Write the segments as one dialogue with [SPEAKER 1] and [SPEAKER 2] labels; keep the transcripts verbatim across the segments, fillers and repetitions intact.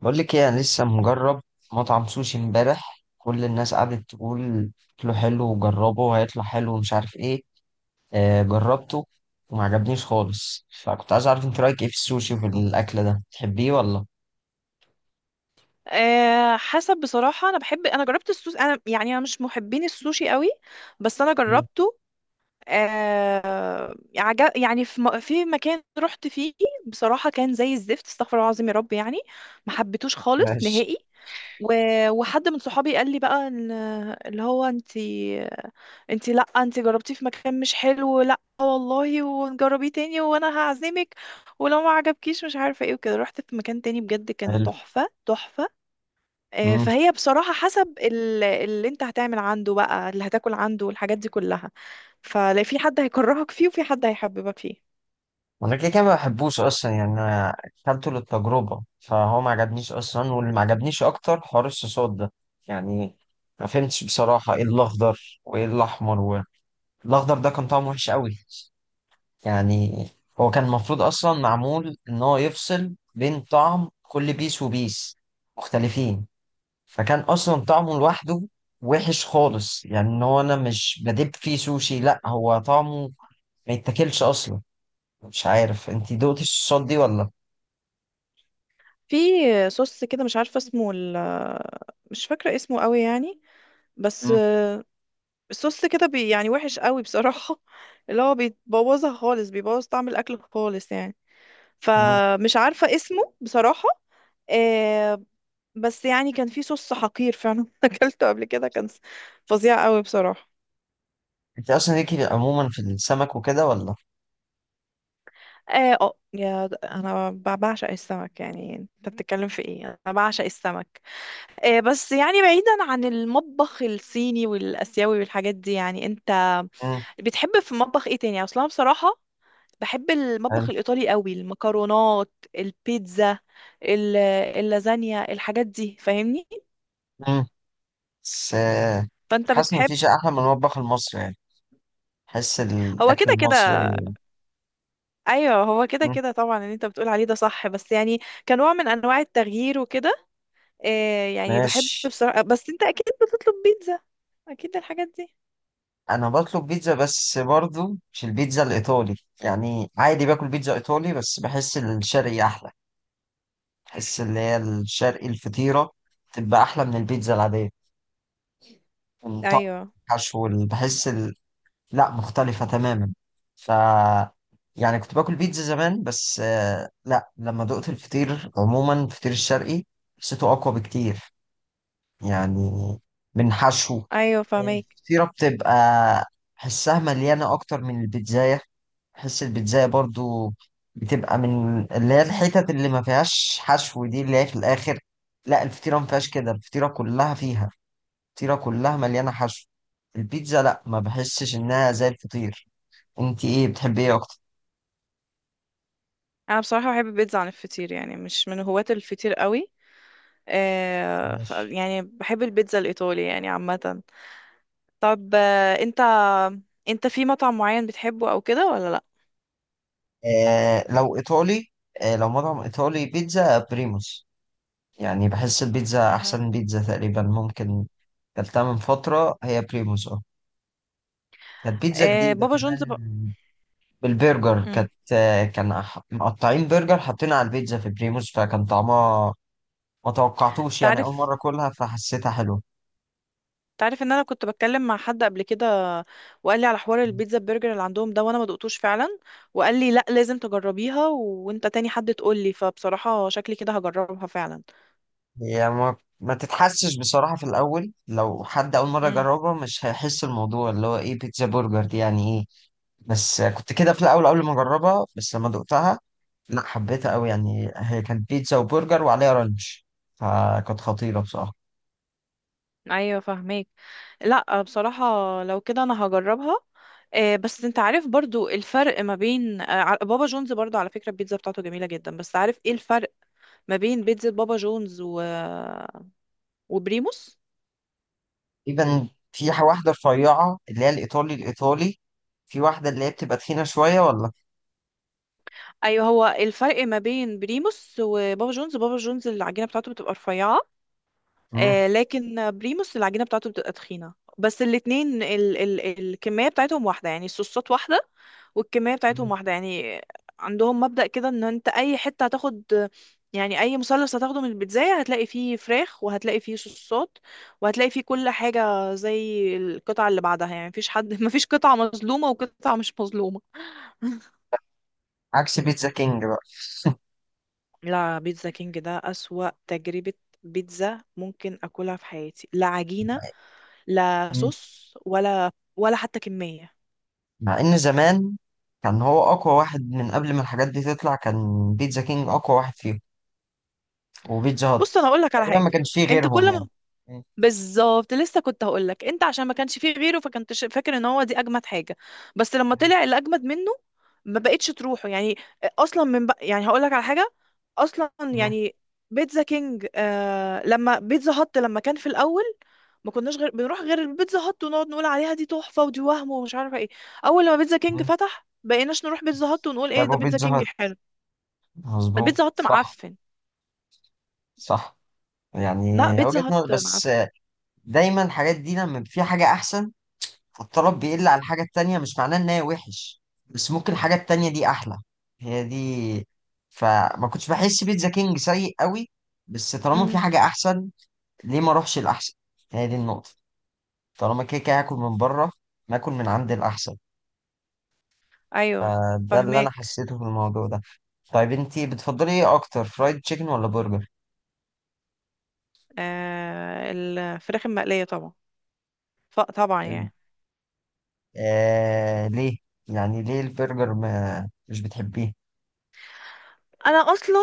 [SPEAKER 1] بقول لك ايه، انا لسه مجرب مطعم سوشي امبارح. كل الناس قعدت تقول اكله حلو وجربه وهيطلع حلو ومش عارف ايه. آه جربته وما عجبنيش خالص، فكنت عايز اعرف انت رايك ايه في السوشي وفي الاكل ده، تحبيه ولا؟
[SPEAKER 2] أه حسب بصراحة أنا بحب أنا جربت السوشي، أنا يعني أنا مش محبين السوشي قوي، بس أنا
[SPEAKER 1] مم.
[SPEAKER 2] جربته. أه عجب يعني في, م... في مكان رحت فيه، بصراحة كان زي الزفت، استغفر الله العظيم يا رب، يعني ما حبيتوش خالص
[SPEAKER 1] ماشي.
[SPEAKER 2] نهائي. و... وحد من صحابي قال لي بقى إن- اللي هو انتي انتي لا، انتي جربتيه في مكان مش حلو، لا والله ونجربيه تاني وانا هعزمك ولو ما عجبكيش مش عارفه ايه وكده. رحت في مكان تاني، بجد كان
[SPEAKER 1] حلو.
[SPEAKER 2] تحفه تحفه. آه،
[SPEAKER 1] امم
[SPEAKER 2] فهي بصراحة حسب ال- اللي انت هتعمل عنده بقى، اللي هتاكل عنده والحاجات دي كلها، فلا في حد هيكرهك فيه وفي حد هيحببك فيه.
[SPEAKER 1] انا كده كده ما بحبوش اصلا يعني، انا اكلته للتجربه فهو ما عجبنيش اصلا، واللي ما عجبنيش اكتر حوار الصوصات ده يعني. ما فهمتش بصراحه ايه الاخضر وايه الاحمر و... الاخضر ده كان طعمه وحش قوي يعني. هو كان المفروض اصلا معمول ان هو يفصل بين طعم كل بيس وبيس مختلفين، فكان اصلا طعمه لوحده وحش خالص يعني، ان هو انا مش بدب فيه سوشي، لا هو طعمه ما يتاكلش اصلا. مش عارف انت دوقتي الصوصات دي ولا؟
[SPEAKER 2] في صوص كده مش عارفة اسمه ال- مش فاكرة اسمه قوي يعني، بس
[SPEAKER 1] مم.
[SPEAKER 2] آه، الصوص كده بي يعني وحش قوي بصراحة اللي هو بيبوظها خالص، بيبوظ طعم الأكل خالص يعني،
[SPEAKER 1] مم.
[SPEAKER 2] فمش عارفة اسمه بصراحة. آه، بس يعني كان في صوص حقير فعلا أكلته قبل كده، كان فظيع قوي بصراحة.
[SPEAKER 1] انت اصلا ليكي عموما في السمك وكده ولا؟
[SPEAKER 2] اه آه، يا انا ب- بعشق السمك، يعني انت بتتكلم في ايه، انا بعشق السمك. آه، بس يعني بعيدا عن المطبخ الصيني والاسيوي والحاجات دي، يعني انت
[SPEAKER 1] مم.
[SPEAKER 2] بتحب في المطبخ ايه تاني اصلا بصراحة؟ بحب
[SPEAKER 1] حلو.
[SPEAKER 2] المطبخ الايطالي قوي، المكرونات، البيتزا، ال- اللازانيا، الحاجات دي فاهمني.
[SPEAKER 1] مم. بس آه،
[SPEAKER 2] فانت
[SPEAKER 1] حاسس ان
[SPEAKER 2] بتحب؟
[SPEAKER 1] مفيش احلى من المطبخ المصري يعني. حس
[SPEAKER 2] هو
[SPEAKER 1] الاكل
[SPEAKER 2] كده
[SPEAKER 1] المصري.
[SPEAKER 2] كده. ايوه هو كده
[SPEAKER 1] مم.
[SPEAKER 2] كده طبعا، اللي انت بتقول عليه ده صح، بس يعني كنوع من انواع التغيير وكده. آه يعني بحب
[SPEAKER 1] ماشي.
[SPEAKER 2] بصراحة، بس انت اكيد بتطلب بيتزا، اكيد الحاجات دي.
[SPEAKER 1] انا بطلب بيتزا بس برضو مش البيتزا الايطالي، يعني عادي باكل بيتزا ايطالي بس بحس الشرقي احلى. بحس اللي هي الشرقي الفطيره تبقى احلى من البيتزا العاديه. الطعم،
[SPEAKER 2] ايوه.
[SPEAKER 1] الحشو ال- بحس ال... لا، مختلفه تماما. ف يعني كنت باكل بيتزا زمان بس آه، لا، لما دقت الفطير عموما الفطير الشرقي حسيته اقوى بكتير يعني، من حشو
[SPEAKER 2] ايوه فاهمك.
[SPEAKER 1] الفطيرة. بتبقى حسها مليانة أكتر من البيتزاية. حس البيتزاية برضو بتبقى من اللي هي الحتت اللي ما فيهاش حشو دي، اللي هي في الآخر. لا، الفطيرة ما فيهاش كده، الفطيرة كلها فيها، الفطيرة كلها مليانة حشو. البيتزا لا، ما بحسش إنها زي الفطير. أنت إيه بتحبي إيه أكتر؟
[SPEAKER 2] انا بصراحة بحب البيتزا عن الفطير، يعني مش من هواة الفطير قوي. آه ف
[SPEAKER 1] ماشي.
[SPEAKER 2] يعني بحب البيتزا الايطالي يعني عامة. طب آه انت، انت في مطعم معين بتحبه او كده، ولا لا؟
[SPEAKER 1] آه لو إيطالي آه لو مطعم إيطالي بيتزا بريموس. يعني بحس البيتزا
[SPEAKER 2] مم.
[SPEAKER 1] أحسن بيتزا تقريبا ممكن. كلتها من فترة هي بريموس اه. كانت بيتزا
[SPEAKER 2] آه
[SPEAKER 1] جديدة
[SPEAKER 2] بابا جونز
[SPEAKER 1] كمان
[SPEAKER 2] ب...
[SPEAKER 1] بالبرجر
[SPEAKER 2] مم.
[SPEAKER 1] كانت. كان أح- مقطعين برجر حاطينها على البيتزا في بريموس، فكان طعمها ما توقعتوش. يعني أول
[SPEAKER 2] تعرف،
[SPEAKER 1] مرة أكلها فحسيتها حلوة.
[SPEAKER 2] تعرف ان انا كنت بتكلم مع حد قبل كده وقال لي على حوار البيتزا برجر اللي عندهم ده، وانا ما دقتوش فعلا، وقال لي لا لازم تجربيها، و- وانت تاني حد تقول لي، فبصراحة شكلي كده هجربها فعلا.
[SPEAKER 1] هي ما, ما تتحسش بصراحة في الأول، لو حد أول مرة
[SPEAKER 2] امم.
[SPEAKER 1] يجربها مش هيحس الموضوع اللي هو إيه بيتزا برجر دي يعني إيه. بس كنت كده في الأول قبل ما أجربها، بس لما دقتها لا حبيتها قوي. يعني هي كانت بيتزا وبرجر وعليها رانش، فكانت خطيرة بصراحة.
[SPEAKER 2] ايوه فاهمك. لا بصراحة لو كده انا هجربها. آه، بس انت عارف برضو الفرق ما بين آه، ع- بابا جونز، برضو على فكرة البيتزا بتاعته جميلة جدا، بس عارف ايه الفرق ما بين بيتزا بابا جونز و... وبريموس؟
[SPEAKER 1] تقريبا في واحدة رفيعة اللي هي الإيطالي الإيطالي، في واحدة اللي هي بتبقى تخينة شوية ولا؟
[SPEAKER 2] ايوه هو الفرق ما بين بريموس وبابا جونز، بابا جونز العجينه بتاعته بتبقى رفيعه،
[SPEAKER 1] مم.
[SPEAKER 2] آه لكن بريموس العجينه بتاعته بتبقى تخينه. بس الاتنين ال ال الكميه بتاعتهم واحده، يعني الصوصات واحده والكميه بتاعتهم
[SPEAKER 1] مم.
[SPEAKER 2] واحده يعني. عندهم مبدأ كده ان انت اي حته هتاخد، يعني اي مثلث هتاخده من البيتزاية هتلاقي فيه فراخ وهتلاقي فيه صوصات وهتلاقي فيه كل حاجه زي القطعه اللي بعدها، يعني مفيش حد مفيش قطعه مظلومه وقطعه مش مظلومه.
[SPEAKER 1] عكس بيتزا كينج بقى.
[SPEAKER 2] لا بيتزا كينج ده أسوأ تجربة بيتزا ممكن أكلها في حياتي، لا عجينة، لا
[SPEAKER 1] مم.
[SPEAKER 2] صوص، ولا ولا حتى كمية.
[SPEAKER 1] مع إن زمان كان هو أقوى واحد، من قبل ما الحاجات دي تطلع كان بيتزا كينج أقوى واحد فيهم وبيتزا هات.
[SPEAKER 2] بص أنا أقول لك على
[SPEAKER 1] تقريبا
[SPEAKER 2] حاجة.
[SPEAKER 1] ما كانش فيه
[SPEAKER 2] أنت
[SPEAKER 1] غيرهم
[SPEAKER 2] كل
[SPEAKER 1] يعني.
[SPEAKER 2] ما
[SPEAKER 1] مم.
[SPEAKER 2] بالظبط، لسه كنت هقول لك، انت عشان ما كانش فيه غيره فكنت ش- فاكر ان هو دي اجمد حاجه، بس لما طلع اللي اجمد منه ما بقتش تروحه يعني. اصلا من بق... يعني هقول لك على حاجه، اصلا
[SPEAKER 1] مم.
[SPEAKER 2] يعني بيتزا كينج آه لما بيتزا هات لما كان في الاول، ما كناش غير بنروح غير البيتزا هات ونقعد نقول عليها دي تحفه ودي وهم ومش عارفه ايه. اول لما بيتزا كينج
[SPEAKER 1] مم.
[SPEAKER 2] فتح بقيناش نروح بيتزا هات ونقول ايه
[SPEAKER 1] طيب
[SPEAKER 2] ده بيتزا
[SPEAKER 1] وبيتزا
[SPEAKER 2] كينج
[SPEAKER 1] هات
[SPEAKER 2] حلو.
[SPEAKER 1] مظبوط
[SPEAKER 2] البيتزا هات
[SPEAKER 1] صح.
[SPEAKER 2] معفن.
[SPEAKER 1] صح يعني
[SPEAKER 2] لا بيتزا
[SPEAKER 1] وجهة
[SPEAKER 2] هات
[SPEAKER 1] نظر بس.
[SPEAKER 2] معفن.
[SPEAKER 1] دايما الحاجات دي لما في حاجة أحسن فالطلب بيقل على الحاجة التانية، مش معناه إن هي وحش بس ممكن الحاجة التانية دي أحلى. هي دي. فما كنتش بحس بيتزا كينج سيء قوي، بس طالما في
[SPEAKER 2] امم.
[SPEAKER 1] حاجة أحسن ليه ما أروحش الأحسن؟ هي دي النقطة. طالما كده كده هاكل من بره، ما آكل من عند الأحسن.
[SPEAKER 2] ايوه
[SPEAKER 1] فده اللي أنا
[SPEAKER 2] فهماك.
[SPEAKER 1] حسيته في الموضوع ده. طيب أنتي بتفضلي إيه أكتر، فرايد تشيكن ولا برجر؟
[SPEAKER 2] آه الفراخ المقلية طبعا. ف- طبعا
[SPEAKER 1] ال-
[SPEAKER 2] يعني.
[SPEAKER 1] آه ليه؟ يعني ليه البرجر ما مش بتحبيه؟
[SPEAKER 2] انا اصلا،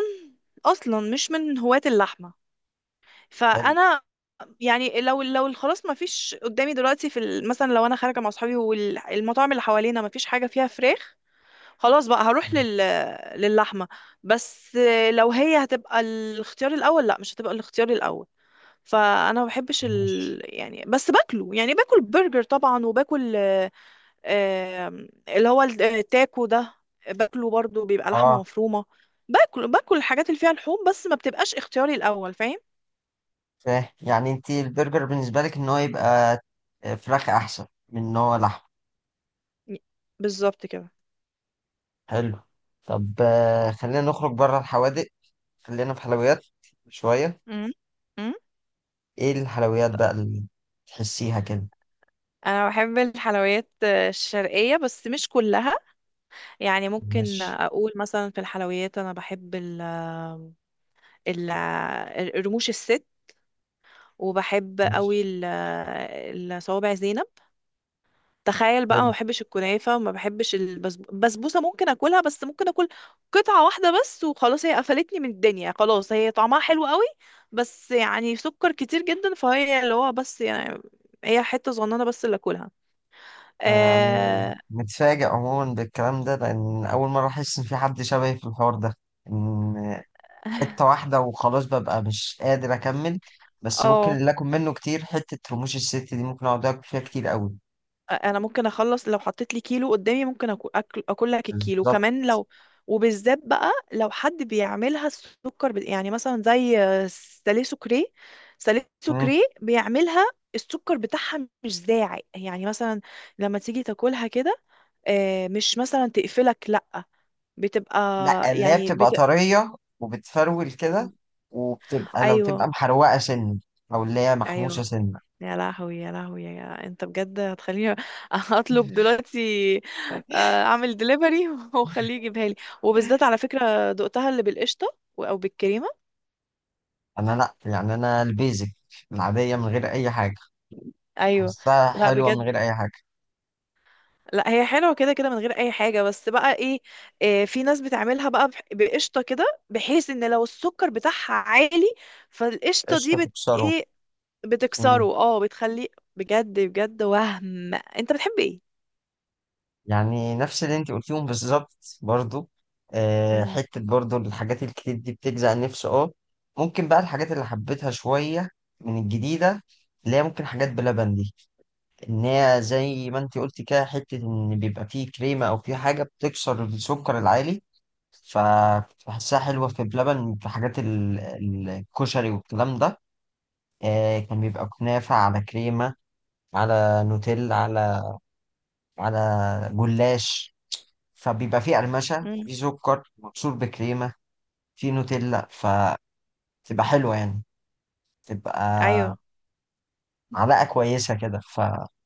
[SPEAKER 2] اصلا مش من هواة اللحمة،
[SPEAKER 1] حلو.
[SPEAKER 2] فانا يعني لو لو خلاص ما فيش قدامي دلوقتي في ال- مثلا لو انا خارجة مع اصحابي والمطاعم اللي حوالينا ما فيش حاجة فيها فراخ، خلاص بقى هروح لل للحمة. بس لو هي هتبقى الاختيار الاول، لا مش هتبقى الاختيار الاول. فانا ما بحبش
[SPEAKER 1] ماشي.
[SPEAKER 2] ال... يعني بس باكله، يعني باكل برجر طبعا وباكل آم، اللي هو التاكو ده، باكله برضو بيبقى لحمة
[SPEAKER 1] اه.
[SPEAKER 2] مفرومة. باكل باكل الحاجات اللي فيها لحوم، بس ما بتبقاش اختياري الأول، فاهم؟
[SPEAKER 1] فاهم، يعني انت البرجر بالنسبة لك ان هو يبقى آه، فراخ احسن من ان هو لحم.
[SPEAKER 2] بالظبط كده.
[SPEAKER 1] حلو. طب آه، خلينا نخرج بره الحوادق، خلينا في حلويات شوية.
[SPEAKER 2] مم. مم.
[SPEAKER 1] ايه الحلويات بقى اللي تحسيها كده؟
[SPEAKER 2] انا بحب الحلويات آه، الشرقية بس مش كلها. يعني ممكن
[SPEAKER 1] ماشي.
[SPEAKER 2] اقول مثلا في الحلويات انا بحب ال ال رموش الست، وبحب قوي
[SPEAKER 1] ماشي.
[SPEAKER 2] ال- آه، الصوابع زينب. تخيل بقى ما
[SPEAKER 1] حلو.
[SPEAKER 2] بحبش الكنافه وما بحبش البسبوسه، ممكن اكلها بس ممكن اكل قطعه واحده بس وخلاص، هي قفلتني من الدنيا، خلاص هي طعمها حلو قوي بس يعني سكر كتير جدا، فهي اللي هو بس يعني هي حته صغننه بس اللي اكلها.
[SPEAKER 1] يعني
[SPEAKER 2] اه.
[SPEAKER 1] متفاجئ عموما بالكلام ده، لأن أول مرة أحس إن في حد شبهي في الحوار ده، إن حتة واحدة وخلاص ببقى مش قادر أكمل. بس ممكن اللي آكل منه كتير حتة رموش الست دي، ممكن أقعد آكل فيها كتير قوي.
[SPEAKER 2] انا ممكن اخلص، لو حطيت لي كيلو قدامي ممكن أكو- اكل اكل لك الكيلو
[SPEAKER 1] بالظبط.
[SPEAKER 2] كمان لو. وبالذات بقى لو حد بيعملها السكر بت- يعني مثلا زي سالي سكري، سالي
[SPEAKER 1] مم.
[SPEAKER 2] سكري بيعملها السكر بتاعها مش زاعي، يعني مثلا لما تيجي تاكلها كده، آه، مش مثلا تقفلك، لا بتبقى
[SPEAKER 1] لأ اللي هي
[SPEAKER 2] يعني
[SPEAKER 1] بتبقى
[SPEAKER 2] بت...
[SPEAKER 1] طرية وبتفرول كده، وبتبقى لو تبقى
[SPEAKER 2] ايوه.
[SPEAKER 1] محروقة سن أو اللي هي محموشة
[SPEAKER 2] ايوه.
[SPEAKER 1] سن.
[SPEAKER 2] يا لهوي يا لهوي، يا انت بجد هتخليني اطلب دلوقتي، آه، اعمل دليفري وخليه يجيبها لي. وبالذات على فكرة دقتها اللي بالقشطة و- او بالكريمة.
[SPEAKER 1] أنا لأ، يعني أنا البيزك العادية من غير أي حاجة
[SPEAKER 2] ايوه.
[SPEAKER 1] أحسها
[SPEAKER 2] لا
[SPEAKER 1] حلوة من
[SPEAKER 2] بجد،
[SPEAKER 1] غير أي حاجة.
[SPEAKER 2] لا هي حلوة كده كده من غير اي حاجة، بس بقى ايه، آه، في ناس بتعملها بقى بح- بقشطة كده، بحيث ان لو السكر بتاعها عالي فالقشطة دي
[SPEAKER 1] قشطة
[SPEAKER 2] بت
[SPEAKER 1] تكسره.
[SPEAKER 2] ايه، بتكسره. اه بتخليه، بجد بجد. وهم انت بتحب ايه؟
[SPEAKER 1] يعني نفس اللي انت قلتيهم بالظبط برضو، آه،
[SPEAKER 2] امم.
[SPEAKER 1] حتة برضو الحاجات الكتير دي بتجزع النفس اه. ممكن بقى الحاجات اللي حبيتها شوية من الجديدة، اللي هي ممكن حاجات بلبن دي، ان هي زي ما انت قلتي كده حتة ان بيبقى فيه كريمة او فيه حاجة بتكسر السكر العالي، فبحسها حلوة في بلبن، في حاجات ال- ال- الكشري والكلام ده. آه، كان بيبقى كنافة على كريمة، على نوتيل، على على جلاش. فبيبقى فيه قرمشة
[SPEAKER 2] امم.
[SPEAKER 1] وفيه سكر مبشور بكريمة، فيه نوتيلا فتبقى حلوة يعني، تبقى
[SPEAKER 2] ايوه.
[SPEAKER 1] معلقة كويسة كده ف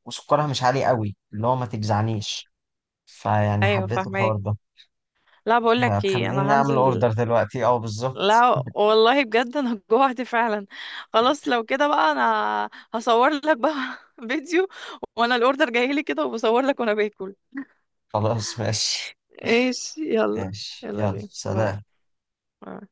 [SPEAKER 1] وسكرها مش عالي قوي اللي هو ما تجزعنيش. فيعني
[SPEAKER 2] ايوه
[SPEAKER 1] حبيت
[SPEAKER 2] فاهمك.
[SPEAKER 1] الحوار ده.
[SPEAKER 2] لا بقول لك ايه
[SPEAKER 1] هتخليني
[SPEAKER 2] انا
[SPEAKER 1] أعمل
[SPEAKER 2] هنزل.
[SPEAKER 1] أوردر دلوقتي أه بالظبط.
[SPEAKER 2] لا والله بجد انا جوعت فعلا. خلاص لو كده بقى انا هصور لك بقى فيديو وانا الاوردر جاي لي كده، وبصور لك وانا باكل.
[SPEAKER 1] خلاص ماشي.
[SPEAKER 2] ايش يلا.
[SPEAKER 1] ماشي
[SPEAKER 2] يلا
[SPEAKER 1] يلا
[SPEAKER 2] بينا باي.
[SPEAKER 1] سلام.
[SPEAKER 2] باي.